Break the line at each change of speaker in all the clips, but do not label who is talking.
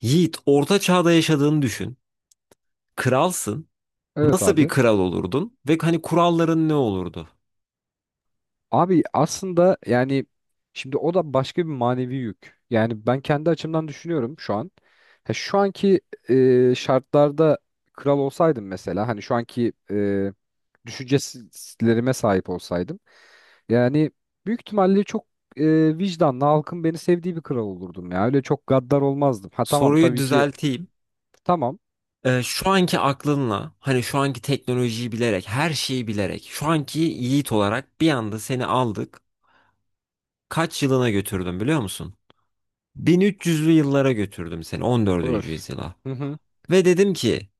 Yiğit, orta çağda yaşadığını düşün. Kralsın.
Evet
Nasıl bir
abi.
kral olurdun? Ve hani kuralların ne olurdu?
Abi aslında yani şimdi o da başka bir manevi yük. Yani ben kendi açımdan düşünüyorum şu an. Ha, şu anki şartlarda kral olsaydım mesela hani şu anki düşüncelerime sahip olsaydım. Yani büyük ihtimalle çok vicdanlı halkın beni sevdiği bir kral olurdum ya. Öyle çok gaddar olmazdım. Ha tamam
Soruyu
tabii ki
düzelteyim.
tamam.
Şu anki aklınla, hani şu anki teknolojiyi bilerek, her şeyi bilerek, şu anki Yiğit olarak bir anda seni aldık. Kaç yılına götürdüm biliyor musun? 1300'lü yıllara götürdüm seni, 14.
Öf.
yüzyıla.
Hı hı.
Ve dedim ki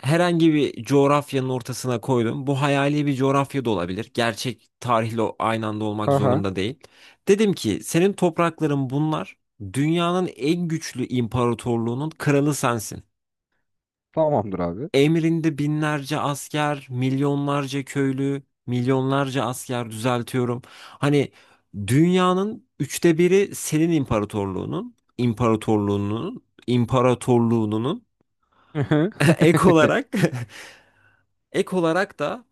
herhangi bir coğrafyanın ortasına koydum. Bu hayali bir coğrafya da olabilir. Gerçek tarihle aynı anda olmak
Ha ha.
zorunda değil. Dedim ki senin toprakların bunlar. Dünyanın en güçlü imparatorluğunun kralı sensin.
Tamamdır abi.
Emrinde binlerce asker, milyonlarca köylü, milyonlarca asker düzeltiyorum. Hani dünyanın üçte biri senin imparatorluğunun.
Hı hı.
ek olarak Ek olarak da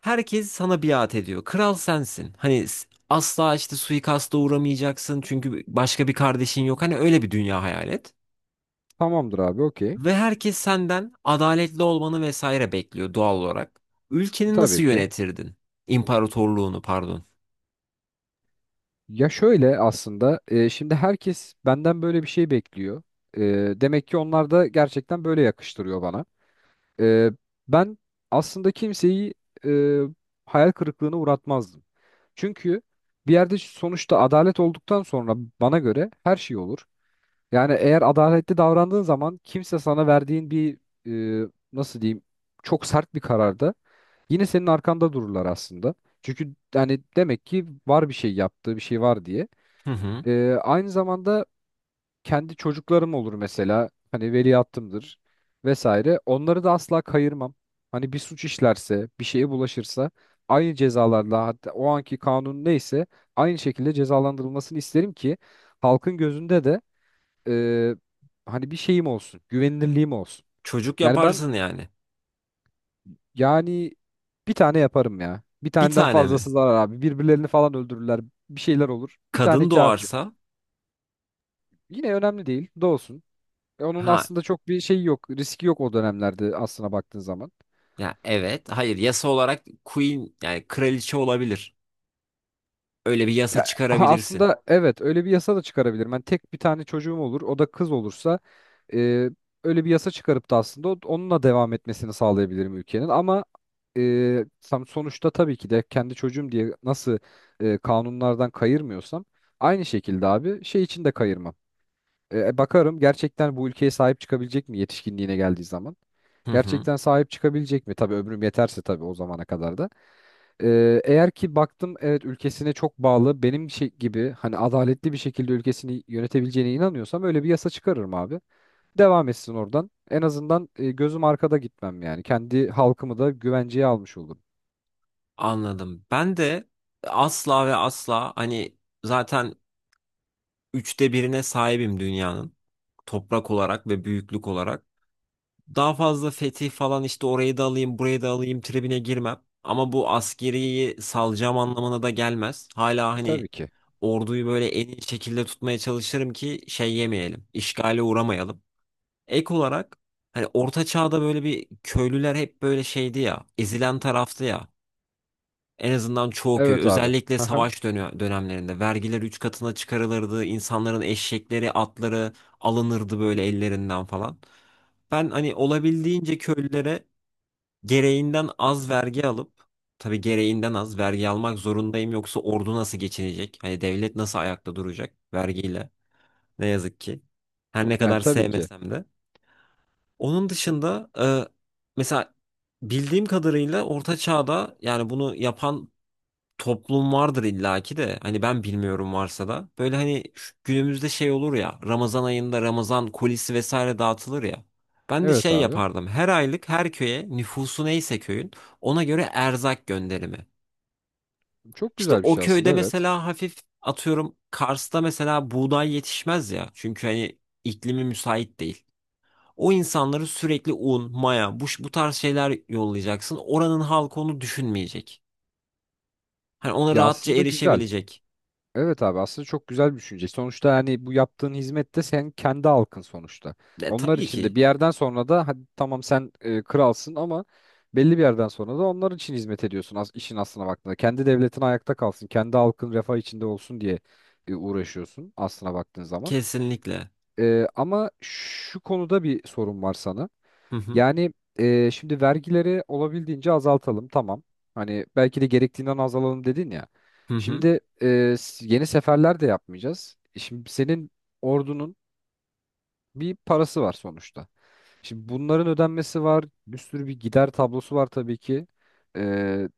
herkes sana biat ediyor. Kral sensin. Hani asla işte suikasta uğramayacaksın çünkü başka bir kardeşin yok. Hani öyle bir dünya hayal et.
Tamamdır abi okey.
Ve herkes senden adaletli olmanı vesaire bekliyor doğal olarak. Ülkeni nasıl
Tabii ki.
yönetirdin? İmparatorluğunu pardon.
Ya şöyle aslında şimdi herkes benden böyle bir şey bekliyor. E, demek ki onlar da gerçekten böyle yakıştırıyor bana. E, ben aslında kimseyi e, hayal kırıklığına uğratmazdım. Çünkü bir yerde sonuçta adalet olduktan sonra bana göre her şey olur. Yani eğer adaletli davrandığın zaman kimse sana verdiğin bir nasıl diyeyim çok sert bir kararda yine senin arkanda dururlar aslında. Çünkü yani demek ki var bir şey yaptığı bir şey var diye.
Hı hı.
Aynı zamanda kendi çocuklarım olur mesela. Hani veliahtımdır vesaire. Onları da asla kayırmam. Hani bir suç işlerse, bir şeye bulaşırsa aynı cezalarla hatta o anki kanun neyse aynı şekilde cezalandırılmasını isterim ki halkın gözünde de e, hani bir şeyim olsun, güvenilirliğim olsun.
Çocuk
Yani ben
yaparsın yani.
yani bir tane yaparım ya. Bir
Bir
taneden
tane
fazlası
mi?
zarar abi. Birbirlerini falan öldürürler. Bir şeyler olur. Bir tane
Kadın
kafi.
doğarsa?
Yine önemli değil. Doğsun. E, onun
Ha,
aslında çok bir şeyi yok. Riski yok o dönemlerde aslına baktığın zaman.
ya evet. Hayır, yasa olarak queen yani kraliçe olabilir. Öyle bir
Ya
yasa
ha,
çıkarabilirsin.
aslında evet öyle bir yasa da çıkarabilirim. Ben tek bir tane çocuğum olur. O da kız olursa e, öyle bir yasa çıkarıp da aslında onunla devam etmesini sağlayabilirim ülkenin. Ama tam sonuçta tabii ki de kendi çocuğum diye nasıl kanunlardan kayırmıyorsam aynı şekilde abi şey için de kayırmam. Bakarım gerçekten bu ülkeye sahip çıkabilecek mi yetişkinliğine geldiği zaman?
Hı hı.
Gerçekten sahip çıkabilecek mi? Tabii ömrüm yeterse tabii o zamana kadar da. E, eğer ki baktım evet ülkesine çok bağlı benim şey gibi hani adaletli bir şekilde ülkesini yönetebileceğine inanıyorsam öyle bir yasa çıkarırım abi. Devam etsin oradan. En azından gözüm arkada gitmem yani. Kendi halkımı da güvenceye almış olurum.
Anladım. Ben de asla ve asla hani zaten üçte birine sahibim dünyanın. Toprak olarak ve büyüklük olarak. Daha fazla fetih falan işte orayı da alayım, burayı da alayım tribine girmem. Ama bu askeriyi salacağım anlamına da gelmez. Hala
E,
hani
tabii ki.
orduyu böyle en iyi şekilde tutmaya çalışırım ki şey yemeyelim, işgale uğramayalım. Ek olarak hani Orta Çağ'da böyle bir köylüler hep böyle şeydi ya, ezilen taraftı ya. En azından çoğu köy
Evet abi.
özellikle
Aha.
savaş dönemlerinde vergiler 3 katına çıkarılırdı. İnsanların eşekleri, atları alınırdı böyle ellerinden falan. Ben hani olabildiğince köylülere gereğinden az vergi alıp tabii gereğinden az vergi almak zorundayım yoksa ordu nasıl geçinecek? Hani devlet nasıl ayakta duracak vergiyle? Ne yazık ki. Her ne
Yani
kadar
tabii ki.
sevmesem de. Onun dışında mesela bildiğim kadarıyla Orta Çağ'da yani bunu yapan toplum vardır illaki de, hani ben bilmiyorum, varsa da böyle hani şu günümüzde şey olur ya, Ramazan ayında Ramazan kolisi vesaire dağıtılır ya. Ben de
Evet
şey
abi.
yapardım. Her aylık her köye nüfusu neyse köyün ona göre erzak gönderimi.
Çok
İşte
güzel bir
o
şey aslında
köyde
evet.
mesela hafif, atıyorum Kars'ta mesela buğday yetişmez ya. Çünkü hani iklimi müsait değil. O insanları sürekli un, maya, bu tarz şeyler yollayacaksın. Oranın halkı onu düşünmeyecek. Hani ona
Ya
rahatça
aslında güzel.
erişebilecek.
Evet abi aslında çok güzel bir düşünce. Sonuçta hani bu yaptığın hizmette sen kendi halkın sonuçta. Onlar
Tabii
için de
ki.
bir yerden sonra da hadi tamam sen kralsın ama belli bir yerden sonra da onlar için hizmet ediyorsun as işin aslına baktığında. Kendi devletin ayakta kalsın, kendi halkın refah içinde olsun diye uğraşıyorsun aslına baktığın zaman.
Kesinlikle.
Ama şu konuda bir sorun var sana.
Hı hı.
Yani şimdi vergileri olabildiğince azaltalım tamam. Hani belki de gerektiğinden azalalım dedin ya.
Hı hı.
Şimdi yeni seferler de yapmayacağız. E, şimdi senin ordunun bir parası var sonuçta. Şimdi bunların ödenmesi var. Bir sürü bir gider tablosu var tabii ki. E,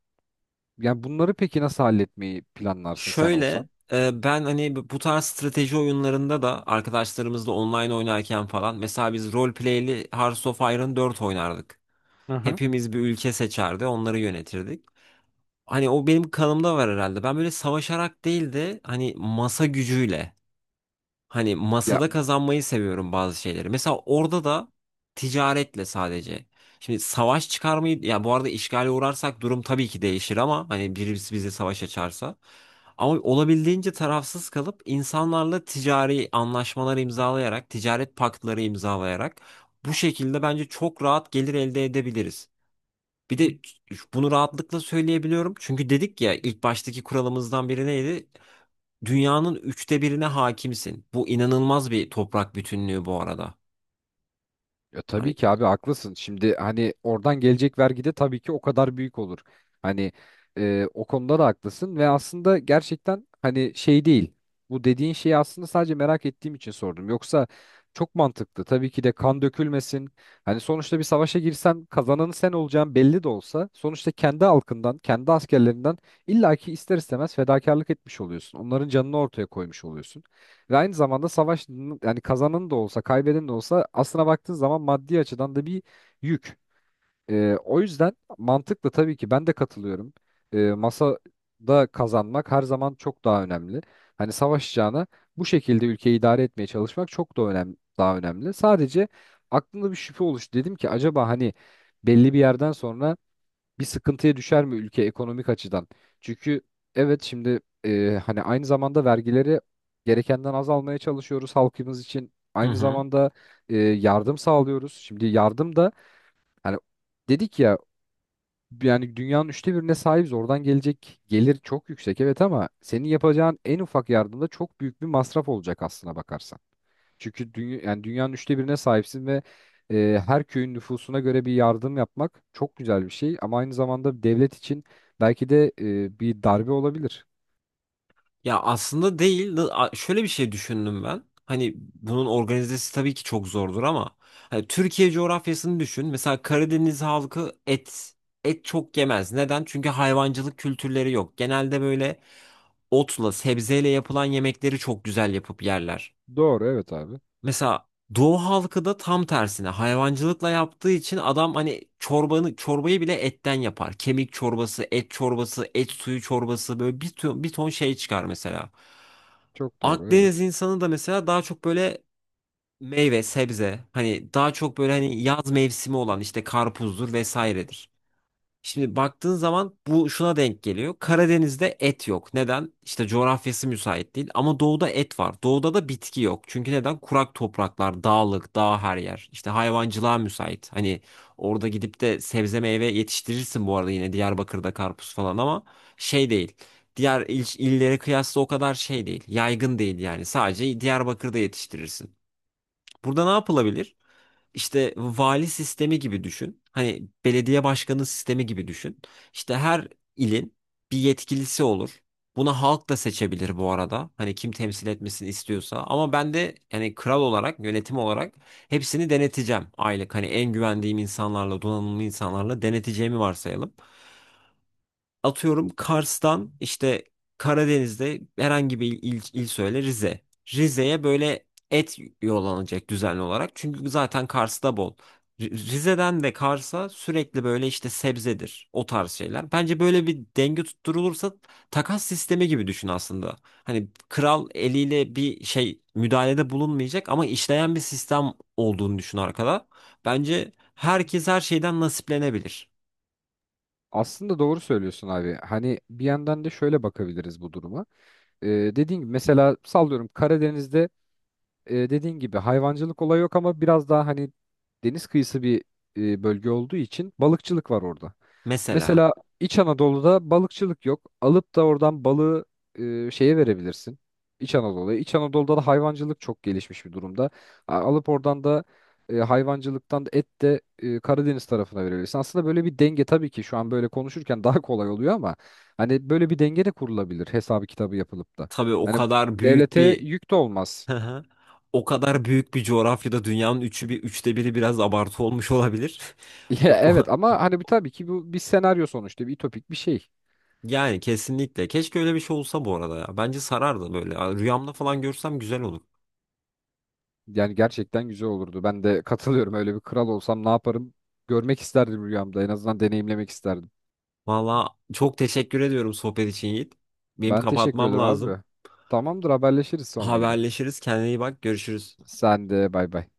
yani bunları peki nasıl halletmeyi planlarsın sen olsan?
Şöyle, ben hani bu tarz strateji oyunlarında da arkadaşlarımızla online oynarken falan mesela biz roleplay'li Hearts of Iron 4 oynardık.
Aha.
Hepimiz bir ülke seçerdi, onları yönetirdik. Hani o benim kanımda var herhalde. Ben böyle savaşarak değil de hani masa gücüyle. Hani masada kazanmayı seviyorum bazı şeyleri. Mesela orada da ticaretle sadece. Şimdi savaş çıkarmayı, ya bu arada işgale uğrarsak durum tabii ki değişir ama hani birisi bize savaş açarsa. Ama olabildiğince tarafsız kalıp insanlarla ticari anlaşmalar imzalayarak, ticaret paktları imzalayarak bu şekilde bence çok rahat gelir elde edebiliriz. Bir de bunu rahatlıkla söyleyebiliyorum. Çünkü dedik ya, ilk baştaki kuralımızdan biri neydi? Dünyanın üçte birine hakimsin. Bu inanılmaz bir toprak bütünlüğü bu arada.
Ya
Hani,
tabii ki abi haklısın. Şimdi hani oradan gelecek vergi de tabii ki o kadar büyük olur. Hani o konuda da haklısın ve aslında gerçekten hani şey değil. Bu dediğin şeyi aslında sadece merak ettiğim için sordum. Yoksa çok mantıklı. Tabii ki de kan dökülmesin. Hani sonuçta bir savaşa girsen kazananı sen olacağın belli de olsa sonuçta kendi halkından, kendi askerlerinden illaki ister istemez fedakarlık etmiş oluyorsun. Onların canını ortaya koymuş oluyorsun. Ve aynı zamanda savaş yani kazanan da olsa kaybeden de olsa aslına baktığın zaman maddi açıdan da bir yük. O yüzden mantıklı tabii ki ben de katılıyorum. Masada kazanmak her zaman çok daha önemli. Hani savaşacağına bu şekilde ülkeyi idare etmeye çalışmak çok da önemli, daha önemli. Sadece aklımda bir şüphe oluştu. Dedim ki acaba hani belli bir yerden sonra bir sıkıntıya düşer mi ülke ekonomik açıdan? Çünkü evet şimdi hani aynı zamanda vergileri gerekenden az almaya çalışıyoruz halkımız için.
hı
Aynı
hı.
zamanda yardım sağlıyoruz. Şimdi yardım da hani dedik ya yani dünyanın üçte birine sahibiz. Oradan gelecek gelir çok yüksek evet ama senin yapacağın en ufak yardımda çok büyük bir masraf olacak aslına bakarsan. Çünkü dünya, yani dünyanın üçte birine sahipsin ve her köyün nüfusuna göre bir yardım yapmak çok güzel bir şey ama aynı zamanda devlet için belki de bir darbe olabilir.
Ya aslında değil. Şöyle bir şey düşündüm ben. Hani bunun organizesi tabii ki çok zordur ama hani Türkiye coğrafyasını düşün. Mesela Karadeniz halkı et çok yemez. Neden? Çünkü hayvancılık kültürleri yok. Genelde böyle otla, sebzeyle yapılan yemekleri çok güzel yapıp yerler.
Doğru evet abi.
Mesela Doğu halkı da tam tersine hayvancılıkla yaptığı için adam hani çorbayı bile etten yapar. Kemik çorbası, et çorbası, et suyu çorbası böyle bir ton, bir ton şey çıkar mesela.
Çok doğru
Akdeniz
evet.
insanı da mesela daha çok böyle meyve, sebze, hani daha çok böyle hani yaz mevsimi olan işte karpuzdur vesairedir. Şimdi baktığın zaman bu şuna denk geliyor. Karadeniz'de et yok. Neden? İşte coğrafyası müsait değil. Ama doğuda et var. Doğuda da bitki yok. Çünkü neden? Kurak topraklar, dağlık, dağ her yer. İşte hayvancılığa müsait. Hani orada gidip de sebze meyve yetiştirirsin bu arada, yine Diyarbakır'da karpuz falan ama şey değil. Diğer illere kıyasla o kadar şey değil. Yaygın değil yani. Sadece Diyarbakır'da yetiştirirsin. Burada ne yapılabilir? İşte vali sistemi gibi düşün. Hani belediye başkanı sistemi gibi düşün. İşte her ilin bir yetkilisi olur. Buna halk da seçebilir bu arada. Hani kim temsil etmesini istiyorsa. Ama ben de yani kral olarak, yönetim olarak hepsini deneteceğim aylık. Hani en güvendiğim insanlarla, donanımlı insanlarla deneteceğimi varsayalım. Atıyorum Kars'tan işte Karadeniz'de herhangi bir il, söyle Rize. Rize'ye böyle et yollanacak düzenli olarak. Çünkü zaten Kars'ta bol. Rize'den de Kars'a sürekli böyle işte sebzedir o tarz şeyler. Bence böyle bir denge tutturulursa takas sistemi gibi düşün aslında. Hani kral eliyle bir şey müdahalede bulunmayacak ama işleyen bir sistem olduğunu düşün arkada. Bence herkes her şeyden nasiplenebilir.
Aslında doğru söylüyorsun abi. Hani bir yandan da şöyle bakabiliriz bu duruma. E, dediğin gibi mesela sallıyorum Karadeniz'de dediğin gibi hayvancılık olayı yok ama biraz daha hani deniz kıyısı bir bölge olduğu için balıkçılık var orada.
Mesela.
Mesela İç Anadolu'da balıkçılık yok. Alıp da oradan balığı şeye verebilirsin. İç Anadolu'ya. İç Anadolu'da da hayvancılık çok gelişmiş bir durumda. Alıp oradan da hayvancılıktan da et de Karadeniz tarafına verebilirsin. Aslında böyle bir denge tabii ki şu an böyle konuşurken daha kolay oluyor ama hani böyle bir denge de kurulabilir hesabı kitabı yapılıp da.
Tabii o
Hani
kadar büyük
devlete
bir.
yük de olmaz.
Hı hı. O kadar büyük bir coğrafyada dünyanın üçü bir üçte biri biraz abartı olmuş olabilir.
Ya
O,
evet ama hani bir tabii ki bu bir senaryo sonuçta bir ütopik bir şey.
yani kesinlikle. Keşke öyle bir şey olsa bu arada ya. Bence sarardı böyle. Ya rüyamda falan görsem güzel olur.
Yani gerçekten güzel olurdu. Ben de katılıyorum. Öyle bir kral olsam ne yaparım? Görmek isterdim rüyamda. En azından deneyimlemek isterdim.
Valla çok teşekkür ediyorum sohbet için Yiğit. Benim
Ben teşekkür
kapatmam
ederim
lazım.
abi. Tamamdır haberleşiriz sonra yine.
Haberleşiriz. Kendine iyi bak. Görüşürüz.
Sen de bay bay.